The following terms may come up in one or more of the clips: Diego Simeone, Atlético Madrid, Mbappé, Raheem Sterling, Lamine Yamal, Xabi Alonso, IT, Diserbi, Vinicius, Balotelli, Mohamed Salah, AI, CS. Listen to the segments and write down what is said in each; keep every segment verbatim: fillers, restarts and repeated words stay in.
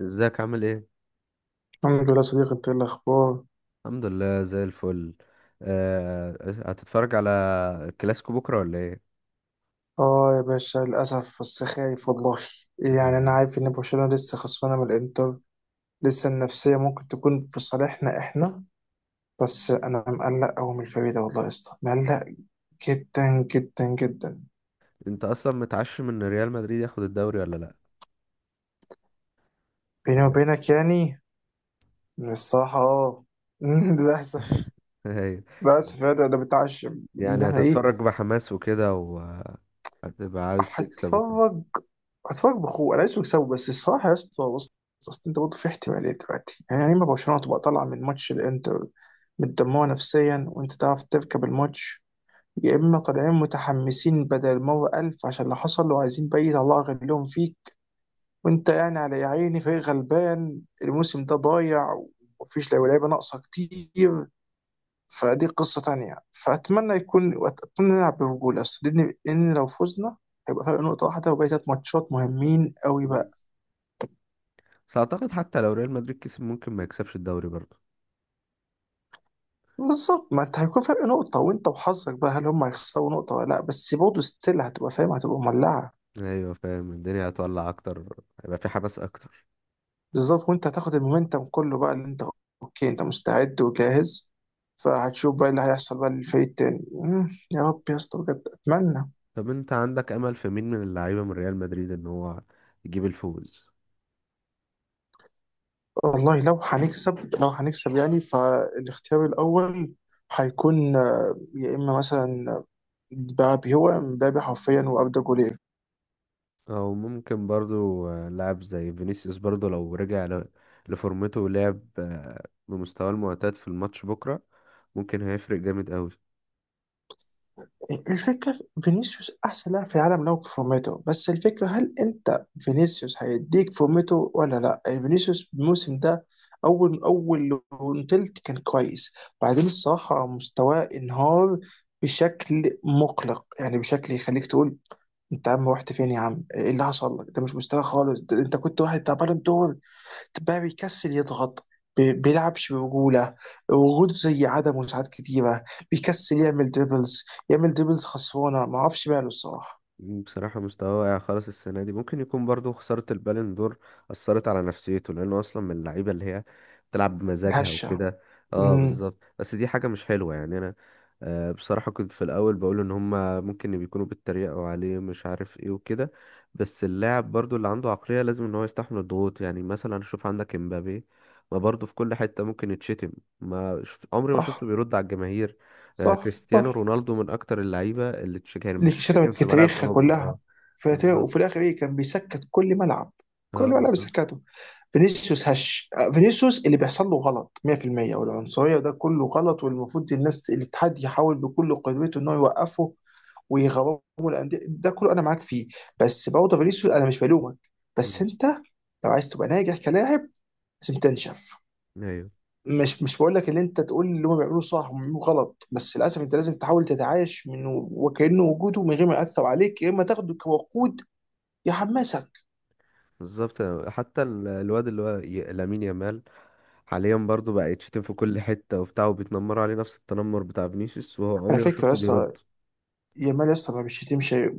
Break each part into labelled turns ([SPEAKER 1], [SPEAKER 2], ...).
[SPEAKER 1] ازيك عامل ايه؟
[SPEAKER 2] الحمد لله صديقي، انت ايه الاخبار؟
[SPEAKER 1] الحمد لله زي الفل. آه، هتتفرج على الكلاسيكو بكره ولا ايه؟
[SPEAKER 2] اه يا باشا، للاسف، بس خايف والله. يعني
[SPEAKER 1] آه،
[SPEAKER 2] انا عارف ان برشلونه لسه خسرانه من الانتر. لسه النفسيه ممكن تكون في صالحنا احنا. بس انا مقلق قوي من الفريق ده، والله يا اسطى، مقلق جدا جدا جدا.
[SPEAKER 1] انت اصلا متعشم ان ريال مدريد ياخد الدوري ولا لا؟
[SPEAKER 2] بيني
[SPEAKER 1] يعني
[SPEAKER 2] وبينك يعني، من الصراحه اه للاسف
[SPEAKER 1] هي.
[SPEAKER 2] للاسف يعني انا متعشم. ان
[SPEAKER 1] يعني
[SPEAKER 2] احنا ايه.
[SPEAKER 1] هتتفرج بحماس وكده وهتبقى عاوز تكسب وكده.
[SPEAKER 2] هتفرج هتفرج بخوة، انا عايزه يكسبوا، بس الصراحه يا اسطى بص. اصل انت برضه في احتماليه دلوقتي، يعني لما برشلونه تبقى طالعه من ماتش الانتر متدمره نفسيا وانت تعرف تركب الماتش. يا اما طالعين متحمسين بدل مره الف، عشان اللي حصل، وعايزين بقى الله يغلبهم فيك. وانت يعني على يا عيني فريق غلبان، الموسم ده ضايع، ومفيش لعيبه لعيبة ناقصه كتير. فدي قصة تانية، فأتمنى يكون أتمنى نلعب برجولة، بس لأن لأن لو فزنا هيبقى فرق نقطة واحدة، وباقي تلات ماتشات مهمين قوي بقى.
[SPEAKER 1] مم. بس اعتقد حتى لو ريال مدريد كسب ممكن ما يكسبش الدوري برضه.
[SPEAKER 2] بالظبط، ما أنت هيكون فرق نقطة، وأنت وحظك بقى، هل هم هيخسروا نقطة ولا لأ، بس برضه ستيل هتبقى فاهم، هتبقى مولعة.
[SPEAKER 1] ايوه فاهم، الدنيا هتولع اكتر، هيبقى في حماس اكتر.
[SPEAKER 2] بالظبط، وأنت هتاخد المومنتم كله بقى، اللي أنت أوكي أنت مستعد وجاهز. فهتشوف بقى اللي هيحصل بقى للفريق التاني. مم، يا رب يا اسطى، بجد أتمنى.
[SPEAKER 1] طب انت عندك امل في مين من اللعيبه من ريال مدريد ان هو يجيب الفوز؟
[SPEAKER 2] والله، لو هنكسب لو هنكسب يعني، فالاختيار الأول هيكون، يا اما مثلا مبابي، هو مبابي حرفيا، واردا، جولير.
[SPEAKER 1] او ممكن برضو آه، لاعب زي فينيسيوس برضو لو رجع ل- لفورمته ولعب آه، بمستواه المعتاد في الماتش بكرة ممكن هيفرق جامد قوي.
[SPEAKER 2] الفكره في فينيسيوس، احسن لاعب في العالم لو في فورمته، بس الفكره هل انت فينيسيوس هيديك فورمته ولا لا، يعني فينيسيوس الموسم ده اول اول تلت كان كويس. بعدين الصراحه مستواه انهار بشكل مقلق، يعني بشكل يخليك تقول انت يا عم رحت فين، يا عم ايه اللي حصل لك، ده مش مستوى خالص، ده انت كنت واحد بتاع بالون دور، بقى بيكسل يضغط، ب- بيلعبش برجولة. وجوده زي عدمه ساعات كتيرة، بيكسل يعمل دريبلز يعمل دريبلز خسرانة، ما اعرفش ماله الصراحة.
[SPEAKER 1] بصراحة مستواه واقع خالص السنة دي، ممكن يكون برضو خسارة البالون دور أثرت على نفسيته، لأنه أصلا من اللعيبة اللي هي بتلعب بمزاجها
[SPEAKER 2] الهشة.
[SPEAKER 1] وكده. اه
[SPEAKER 2] امم
[SPEAKER 1] بالظبط، بس دي حاجة مش حلوة يعني أنا آه، بصراحة كنت في الأول بقول إن هما ممكن بيكونوا بيتريقوا عليه مش عارف ايه وكده. بس اللاعب برضو اللي عنده عقلية لازم إن هو يستحمل الضغوط، يعني مثلا شوف عندك امبابي، ما برضو في كل حتة ممكن يتشتم، ما شف- عمري ما شفته
[SPEAKER 2] صح،
[SPEAKER 1] بيرد على الجماهير. آه،
[SPEAKER 2] صح،
[SPEAKER 1] كريستيانو
[SPEAKER 2] صح.
[SPEAKER 1] رونالدو من اكتر اللعيبه اللي تش- كانت
[SPEAKER 2] اللي
[SPEAKER 1] بتتشتم
[SPEAKER 2] شتمت في
[SPEAKER 1] في ملاعب
[SPEAKER 2] تاريخها
[SPEAKER 1] اوروبا. اه
[SPEAKER 2] كلها، في تاريخ، وفي
[SPEAKER 1] بالظبط.
[SPEAKER 2] الآخر إيه، كان بيسكت كل ملعب، كل
[SPEAKER 1] اه
[SPEAKER 2] ملعب
[SPEAKER 1] بالظبط.
[SPEAKER 2] بيسكته. فينيسيوس هش. آه، فينيسيوس اللي بيحصل له غلط مية بالمية، والعنصرية ده كله غلط، والمفروض الناس، الاتحاد، يحاول بكل قدرته إنه يوقفه، ويغرموا الانديه، ده كله انا معاك فيه. بس برضه فينيسيوس، انا مش بلومك، بس
[SPEAKER 1] مم.
[SPEAKER 2] انت لو عايز تبقى ناجح كلاعب، لازم تنشف.
[SPEAKER 1] ايوه
[SPEAKER 2] مش مش بقول لك ان انت تقول اللي هم بيعملوه صح وهم بيعملوه غلط، بس للاسف انت لازم تحاول تتعايش منه وكانه وجوده من غير ما ياثر عليك، يا اما تاخده كوقود يحمسك.
[SPEAKER 1] بالظبط. حتى ال- الواد اللي هو ي- لامين يامال حاليا برضو بقى يتشتم في كل حته وبتاع وبيتنمروا عليه نفس التنمر بتاع فينيسيوس، وهو
[SPEAKER 2] على
[SPEAKER 1] عمري ما
[SPEAKER 2] فكره يا
[SPEAKER 1] شفته
[SPEAKER 2] اسطى،
[SPEAKER 1] بيرد.
[SPEAKER 2] يامال يا اسطى ما بيشتمش غير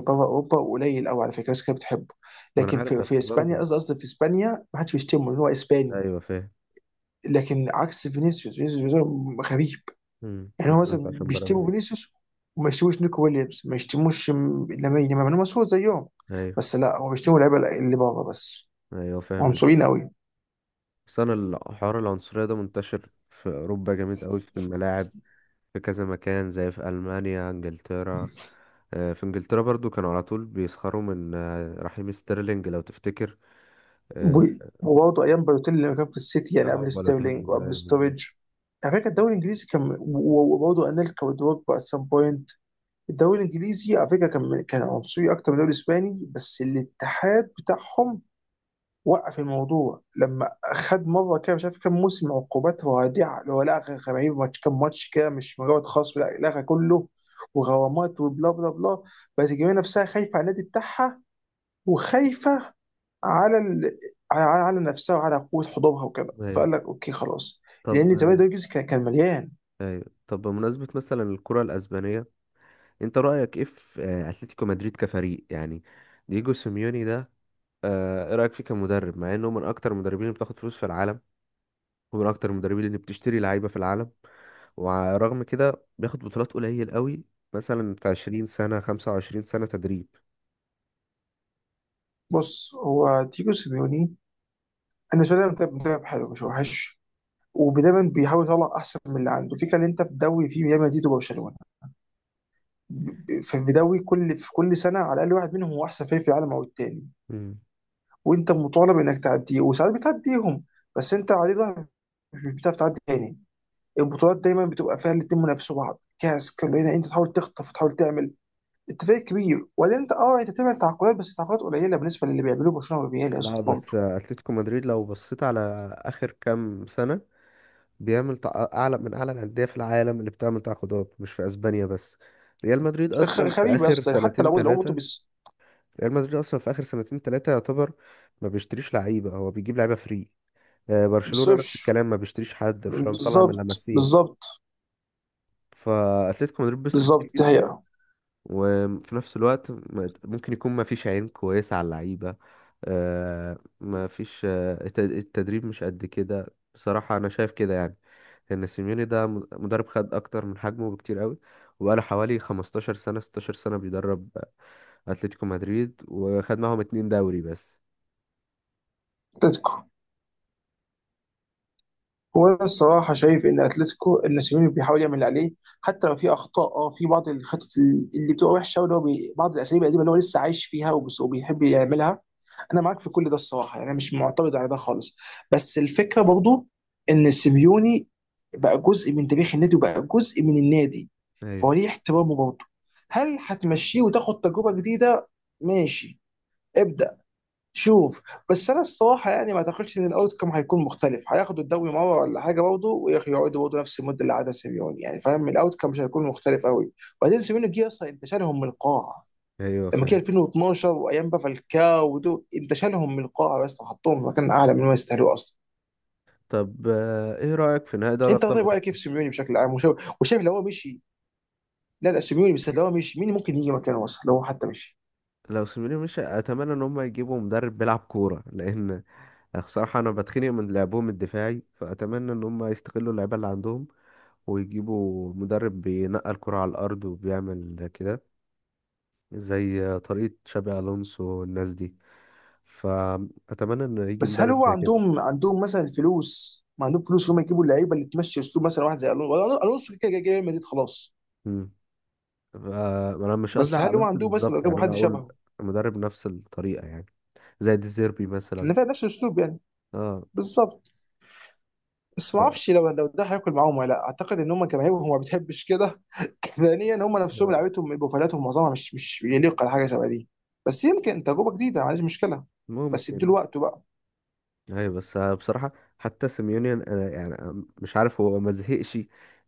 [SPEAKER 2] بره اوروبا، قليل قوي، على فكره الناس كانت بتحبه.
[SPEAKER 1] ما انا
[SPEAKER 2] لكن
[SPEAKER 1] عارف
[SPEAKER 2] في في
[SPEAKER 1] بس
[SPEAKER 2] اسبانيا،
[SPEAKER 1] برضو.
[SPEAKER 2] قصدي قصدي في اسبانيا ما حدش بيشتمه لان هو اسباني.
[SPEAKER 1] ايوه فاهم.
[SPEAKER 2] لكن عكس فينيسيوس. فينيسيوس غريب.
[SPEAKER 1] مم.
[SPEAKER 2] يعني هو
[SPEAKER 1] بالظبط
[SPEAKER 2] مثلا
[SPEAKER 1] عشان
[SPEAKER 2] بيشتموا
[SPEAKER 1] برازيل.
[SPEAKER 2] فينيسيوس، وما يشتموش نيكو ويليامز، ما يشتموش م- لامين يامال، لما مسؤول زيهم.
[SPEAKER 1] ايوه.
[SPEAKER 2] بس لا، هو بيشتموا اللعيبه اللي بره بس،
[SPEAKER 1] ايوه فاهم
[SPEAKER 2] عنصريين
[SPEAKER 1] الفكره.
[SPEAKER 2] قوي.
[SPEAKER 1] بس انا الحوار العنصريه ده منتشر في اوروبا جامد قوي في الملاعب، في كذا مكان زي في ألمانيا، انجلترا. آه، في انجلترا برضو كانوا على طول بيسخروا من آه، رحيم ستيرلينج لو تفتكر.
[SPEAKER 2] و-
[SPEAKER 1] اه.
[SPEAKER 2] وبرضه ايام بالوتيلي لما كان في السيتي، يعني
[SPEAKER 1] آه،
[SPEAKER 2] قبل ستيرلينج
[SPEAKER 1] بالوتيلي
[SPEAKER 2] وقبل
[SPEAKER 1] ايوه بالظبط.
[SPEAKER 2] ستورج. على فكره الدوري الانجليزي كان، و- و- وبرضه انيلكا ودروجبا ات سام بوينت. الدوري الانجليزي على فكره كان كان عنصري اكتر من الدوري الاسباني، بس الاتحاد بتاعهم وقف الموضوع. لما خد مره كده مش عارف كام موسم، عقوبات رادعه، اللي هو لغى، غريب، ماتش، كام ماتش كده، مش مجرد خصم، لا لغى كله، وغرامات وبلا بلا بلا. بس الجماهير نفسها خايفه على النادي بتاعها، وخايفه على ال... على على على نفسها، وعلى قوه حضورها وكده،
[SPEAKER 1] ايوه.
[SPEAKER 2] فقال لك اوكي خلاص.
[SPEAKER 1] طب
[SPEAKER 2] لان زمان
[SPEAKER 1] آه،
[SPEAKER 2] ده الجزء كان كان مليان.
[SPEAKER 1] ايوه، طب بمناسبة مثلا الكرة الأسبانية، انت رأيك ايه في آه، اتلتيكو مدريد كفريق يعني؟ دييجو سيميوني ده، آه، ايه رأيك فيه كمدرب مع انه من اكتر المدربين اللي بتاخد فلوس في العالم، ومن اكتر المدربين اللي بتشتري لعيبه في العالم، ورغم كده بياخد بطولات قليل قوي؟ مثلا في عشرين سنة سنه خمسة وعشرين سنة سنه تدريب.
[SPEAKER 2] بص، هو تيجو سيميوني، انا بالنسبه لي مدرب مدرب حلو مش وحش، ودايما بيحاول يطلع احسن من اللي عنده، في كان انت في الدوري في ريال مدريد وبرشلونه. فبيدوي كل في كل سنه على الاقل واحد منهم هو احسن فريق في العالم او التاني.
[SPEAKER 1] مم.
[SPEAKER 2] وانت مطالب انك تعديه، وساعات بتعديهم، بس انت عديت واحد، مش بتعرف تعدي تاني. البطولات دايما بتبقى فيها الاتنين منافسوا بعض، كاس كلنا انت تحاول تخطف وتحاول تعمل، انت فريق كبير. وبعدين انت اه انت تعمل تعاقدات، بس تعاقدات قليله بالنسبه للي بيعملوه برشلونه والريال يا
[SPEAKER 1] لا
[SPEAKER 2] اسطى، برضه
[SPEAKER 1] بس اتلتيكو مدريد لو بصيت على اخر كام سنه بيعمل تع- اعلى من اعلى الانديه في العالم اللي بتعمل تعاقدات مش في اسبانيا بس. ريال مدريد
[SPEAKER 2] خ-
[SPEAKER 1] اصلا في
[SPEAKER 2] غريبه يا
[SPEAKER 1] اخر
[SPEAKER 2] اسطى، حتى
[SPEAKER 1] سنتين
[SPEAKER 2] لو لو برضه
[SPEAKER 1] ثلاثه ريال مدريد اصلا في اخر سنتين ثلاثه يعتبر ما بيشتريش لعيبه، هو بيجيب لعيبه فري. آه، برشلونه نفس
[SPEAKER 2] بيصرفش.
[SPEAKER 1] الكلام، ما بيشتريش حد، برشلونه بيطلع من
[SPEAKER 2] بالظبط،
[SPEAKER 1] لاماسيا.
[SPEAKER 2] بالظبط،
[SPEAKER 1] فاتلتيكو مدريد بيصرف كتير
[SPEAKER 2] بالظبط، دي
[SPEAKER 1] جدا،
[SPEAKER 2] حقيقه.
[SPEAKER 1] وفي نفس الوقت ما- ممكن يكون ما فيش عين كويسة على اللعيبة، آه، ما فيش آه، الت- التدريب مش قد كده، بصراحة انا شايف كده يعني ان سيميوني ده م- مدرب خد اكتر من حجمه بكتير قوي، وبقاله حوالي 15 سنة 16 سنة بيدرب آه، اتلتيكو مدريد وخد معاهم اتنين دوري بس.
[SPEAKER 2] اتلتيكو، هو أنا الصراحة شايف إن أتلتيكو إن سيميوني بيحاول يعمل اللي عليه، حتى لو في أخطاء، أه في بعض الخطط اللي بتبقى وحشة، واللي هو بي... بعض الأساليب القديمة اللي هو لسه عايش فيها، وبس- وبيحب يعملها. أنا معاك في كل ده الصراحة، يعني أنا مش معترض على ده خالص. بس الفكرة برضو، إن سيميوني بقى جزء من تاريخ النادي، وبقى جزء من النادي، فهو
[SPEAKER 1] ايوه.
[SPEAKER 2] ليه احترامه برضه. هل هتمشيه وتاخد تجربة جديدة؟ ماشي، ابدأ، شوف. بس انا الصراحه يعني ما اعتقدش ان الاوت كم هيكون مختلف، هياخدوا الدوري مره ولا حاجه برضه، ويقعدوا برضه نفس المده اللي قعدها سيميوني، يعني فاهم الاوت كم مش هيكون مختلف قوي. وبعدين سيميوني جه اصلا انت شالهم من القاعه،
[SPEAKER 1] ايوه
[SPEAKER 2] لما جه
[SPEAKER 1] فعلا.
[SPEAKER 2] ألفين واتناشر، وايام بقى فالكاو ودول، انت شالهم من القاعه بس، وحطهم في مكان اعلى من ما يستاهلوه اصلا.
[SPEAKER 1] طب آه، ايه رأيك في نهائي دوري
[SPEAKER 2] انت
[SPEAKER 1] ابطال
[SPEAKER 2] طيب، رايك
[SPEAKER 1] اوروبا؟
[SPEAKER 2] كيف سيميوني بشكل عام، وشايف وشايف لو هو مشي. لا، لا سيميوني، بس لو هو مشي مين ممكن يجي مكانه اصلا، لو هو حتى مشي.
[SPEAKER 1] لو سيميوني مش اتمنى ان هم يجيبوا مدرب بيلعب كورة، لان يعني بصراحة أنا بتخنق من لعبهم الدفاعي، فأتمنى إن هم يستغلوا اللعيبة اللي عندهم ويجيبوا مدرب بينقل الكرة على الأرض وبيعمل كده، زي طريقة شابي ألونسو والناس دي. فأتمنى إن يجي
[SPEAKER 2] بس هل
[SPEAKER 1] مدرب
[SPEAKER 2] هو
[SPEAKER 1] زي كده.
[SPEAKER 2] عندهم عندهم مثلا الفلوس، ما عندهم فلوس اللي هم يجيبوا اللعيبه اللي تمشي اسلوب مثلا واحد زي الونso، ولا الونسو كده كده جاي ريال مدريد خلاص.
[SPEAKER 1] مم. ف- أنا مش قصدي
[SPEAKER 2] بس
[SPEAKER 1] على
[SPEAKER 2] هل هو
[SPEAKER 1] ألونسو
[SPEAKER 2] عندهم مثلا لو
[SPEAKER 1] بالظبط،
[SPEAKER 2] جابوا
[SPEAKER 1] يعني أنا
[SPEAKER 2] حد
[SPEAKER 1] أقول
[SPEAKER 2] شبهه،
[SPEAKER 1] مدرب نفس الطريقة يعني، زي ديزيربي مثلا.
[SPEAKER 2] ان فعلا نفس الاسلوب يعني.
[SPEAKER 1] اه.
[SPEAKER 2] بالظبط، بس ما
[SPEAKER 1] ف...
[SPEAKER 2] اعرفش لو لو ده هياكل معاهم ولا لا، اعتقد ان هم جماهيرهم ما بتحبش كده ثانيا، هم نفسهم
[SPEAKER 1] آه.
[SPEAKER 2] لعيبتهم بروفايلاتهم معظمها مش مش يليق على حاجه شبه دي. بس يمكن تجربه جديده، ما عنديش مشكله، بس ادوا
[SPEAKER 1] ممكن.
[SPEAKER 2] له وقته بقى.
[SPEAKER 1] ايوه بس بصراحة حتى سيميوني انا يعني أنا مش عارف هو ما زهقش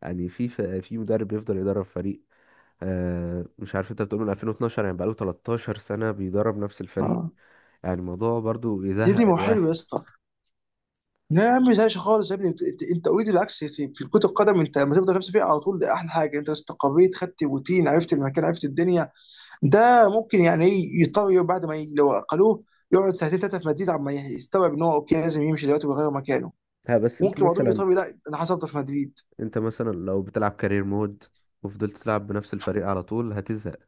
[SPEAKER 1] يعني، في في مدرب بيفضل يدرب فريق آه، مش عارف، انت بتقول من ألفين واتناشر، يعني بقاله 13 سنة بيدرب نفس الفريق،
[SPEAKER 2] آه.
[SPEAKER 1] يعني الموضوع برضو
[SPEAKER 2] يا ابني
[SPEAKER 1] يزهق
[SPEAKER 2] ما هو حلو
[SPEAKER 1] الواحد.
[SPEAKER 2] يا اسطى، لا يا عم ما تزهقش خالص يا ابني، انت انت انت اوريدي، بالعكس، في, في كرة القدم انت لما تفضل نفسك فيها على طول ده احلى حاجه، انت استقريت، خدت روتين، عرفت المكان، عرفت الدنيا، ده ممكن يعني ايه يضطر يقعد بعد ما ي- لو اقلوه يقعد ساعتين ثلاثه في مدريد عما يستوعب ان هو اوكي لازم يمشي دلوقتي ويغير مكانه.
[SPEAKER 1] ها بس انت
[SPEAKER 2] ممكن بعضهم
[SPEAKER 1] مثلا،
[SPEAKER 2] يضطر، لا انا حصلت في مدريد.
[SPEAKER 1] انت مثلا لو بتلعب كارير مود وفضلت تلعب بنفس الفريق على طول هتزهق.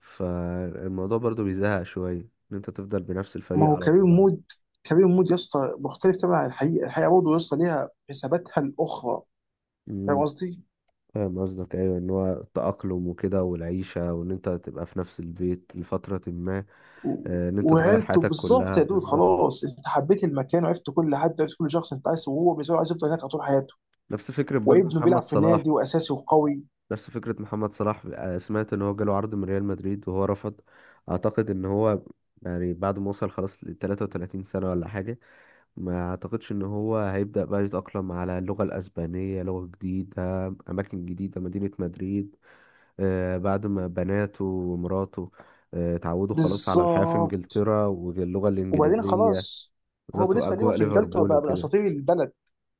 [SPEAKER 1] فالموضوع برضو بيزهق شوية ان انت تفضل بنفس
[SPEAKER 2] ما
[SPEAKER 1] الفريق
[SPEAKER 2] هو
[SPEAKER 1] على
[SPEAKER 2] كارير
[SPEAKER 1] طول على
[SPEAKER 2] مود. كارير مود يا اسطى مختلف تماما عن الحقيقه. الحقيقه برضه يا اسطى ليها حساباتها الاخرى. فاهم
[SPEAKER 1] طول.
[SPEAKER 2] قصدي؟
[SPEAKER 1] فاهم قصدك، ايوه ان هو التأقلم وكده والعيشة، وان انت تبقى في نفس البيت لفترة ما،
[SPEAKER 2] و-
[SPEAKER 1] آه، ان انت تغير
[SPEAKER 2] وعيلته
[SPEAKER 1] حياتك
[SPEAKER 2] بالظبط
[SPEAKER 1] كلها
[SPEAKER 2] يا دود،
[SPEAKER 1] بالظبط.
[SPEAKER 2] خلاص انت حبيت المكان وعرفت كل حد وعرفت كل شخص، انت عايز، وهو بالنسبه له عايز يفضل هناك على طول حياته،
[SPEAKER 1] نفس فكرة برضه
[SPEAKER 2] وابنه بيلعب
[SPEAKER 1] محمد
[SPEAKER 2] في
[SPEAKER 1] صلاح.
[SPEAKER 2] النادي واساسي وقوي.
[SPEAKER 1] نفس فكرة محمد صلاح آه، سمعت ان هو جاله عرض من ريال مدريد وهو رفض. اعتقد ان هو يعني بعد ما وصل خلاص ل 33 سنة ولا حاجة، ما اعتقدش ان هو هيبدأ بقى يتأقلم على اللغة الأسبانية، لغة جديدة، أماكن جديدة، مدينة مدريد، آه، بعد ما بناته ومراته آه، اتعودوا خلاص على الحياة في
[SPEAKER 2] بالظبط،
[SPEAKER 1] إنجلترا واللغة
[SPEAKER 2] وبعدين
[SPEAKER 1] الإنجليزية.
[SPEAKER 2] خلاص، هو
[SPEAKER 1] بالظبط.
[SPEAKER 2] بالنسبه ليهم
[SPEAKER 1] وأجواء
[SPEAKER 2] في انجلترا
[SPEAKER 1] ليفربول
[SPEAKER 2] بقى من
[SPEAKER 1] وكده.
[SPEAKER 2] اساطير البلد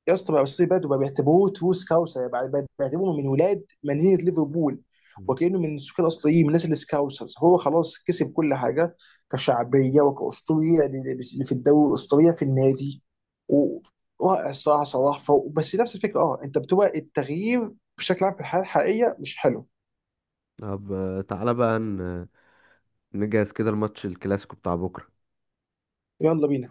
[SPEAKER 2] يا اسطى، بقى بس بيبات، وبقى بيعتبروه تروس كاوسر، بقى بقى بيعتبروه من ولاد مدينه ليفربول،
[SPEAKER 1] مم.
[SPEAKER 2] وكانه من السكان الاصليين، من الناس السكاوسرز، هو خلاص كسب كل حاجه، كشعبيه وكاسطوريه اللي في الدوري، الاسطوريه في النادي. و- رائع الصراحه، صلاح فوق، بس نفس الفكره اه انت بتبقى التغيير بشكل عام في الحياه الحقيقيه مش حلو.
[SPEAKER 1] طب آه، تعالى بقى ن- نجهز كده الماتش الكلاسيكو بتاع بكرة
[SPEAKER 2] يلا بينا.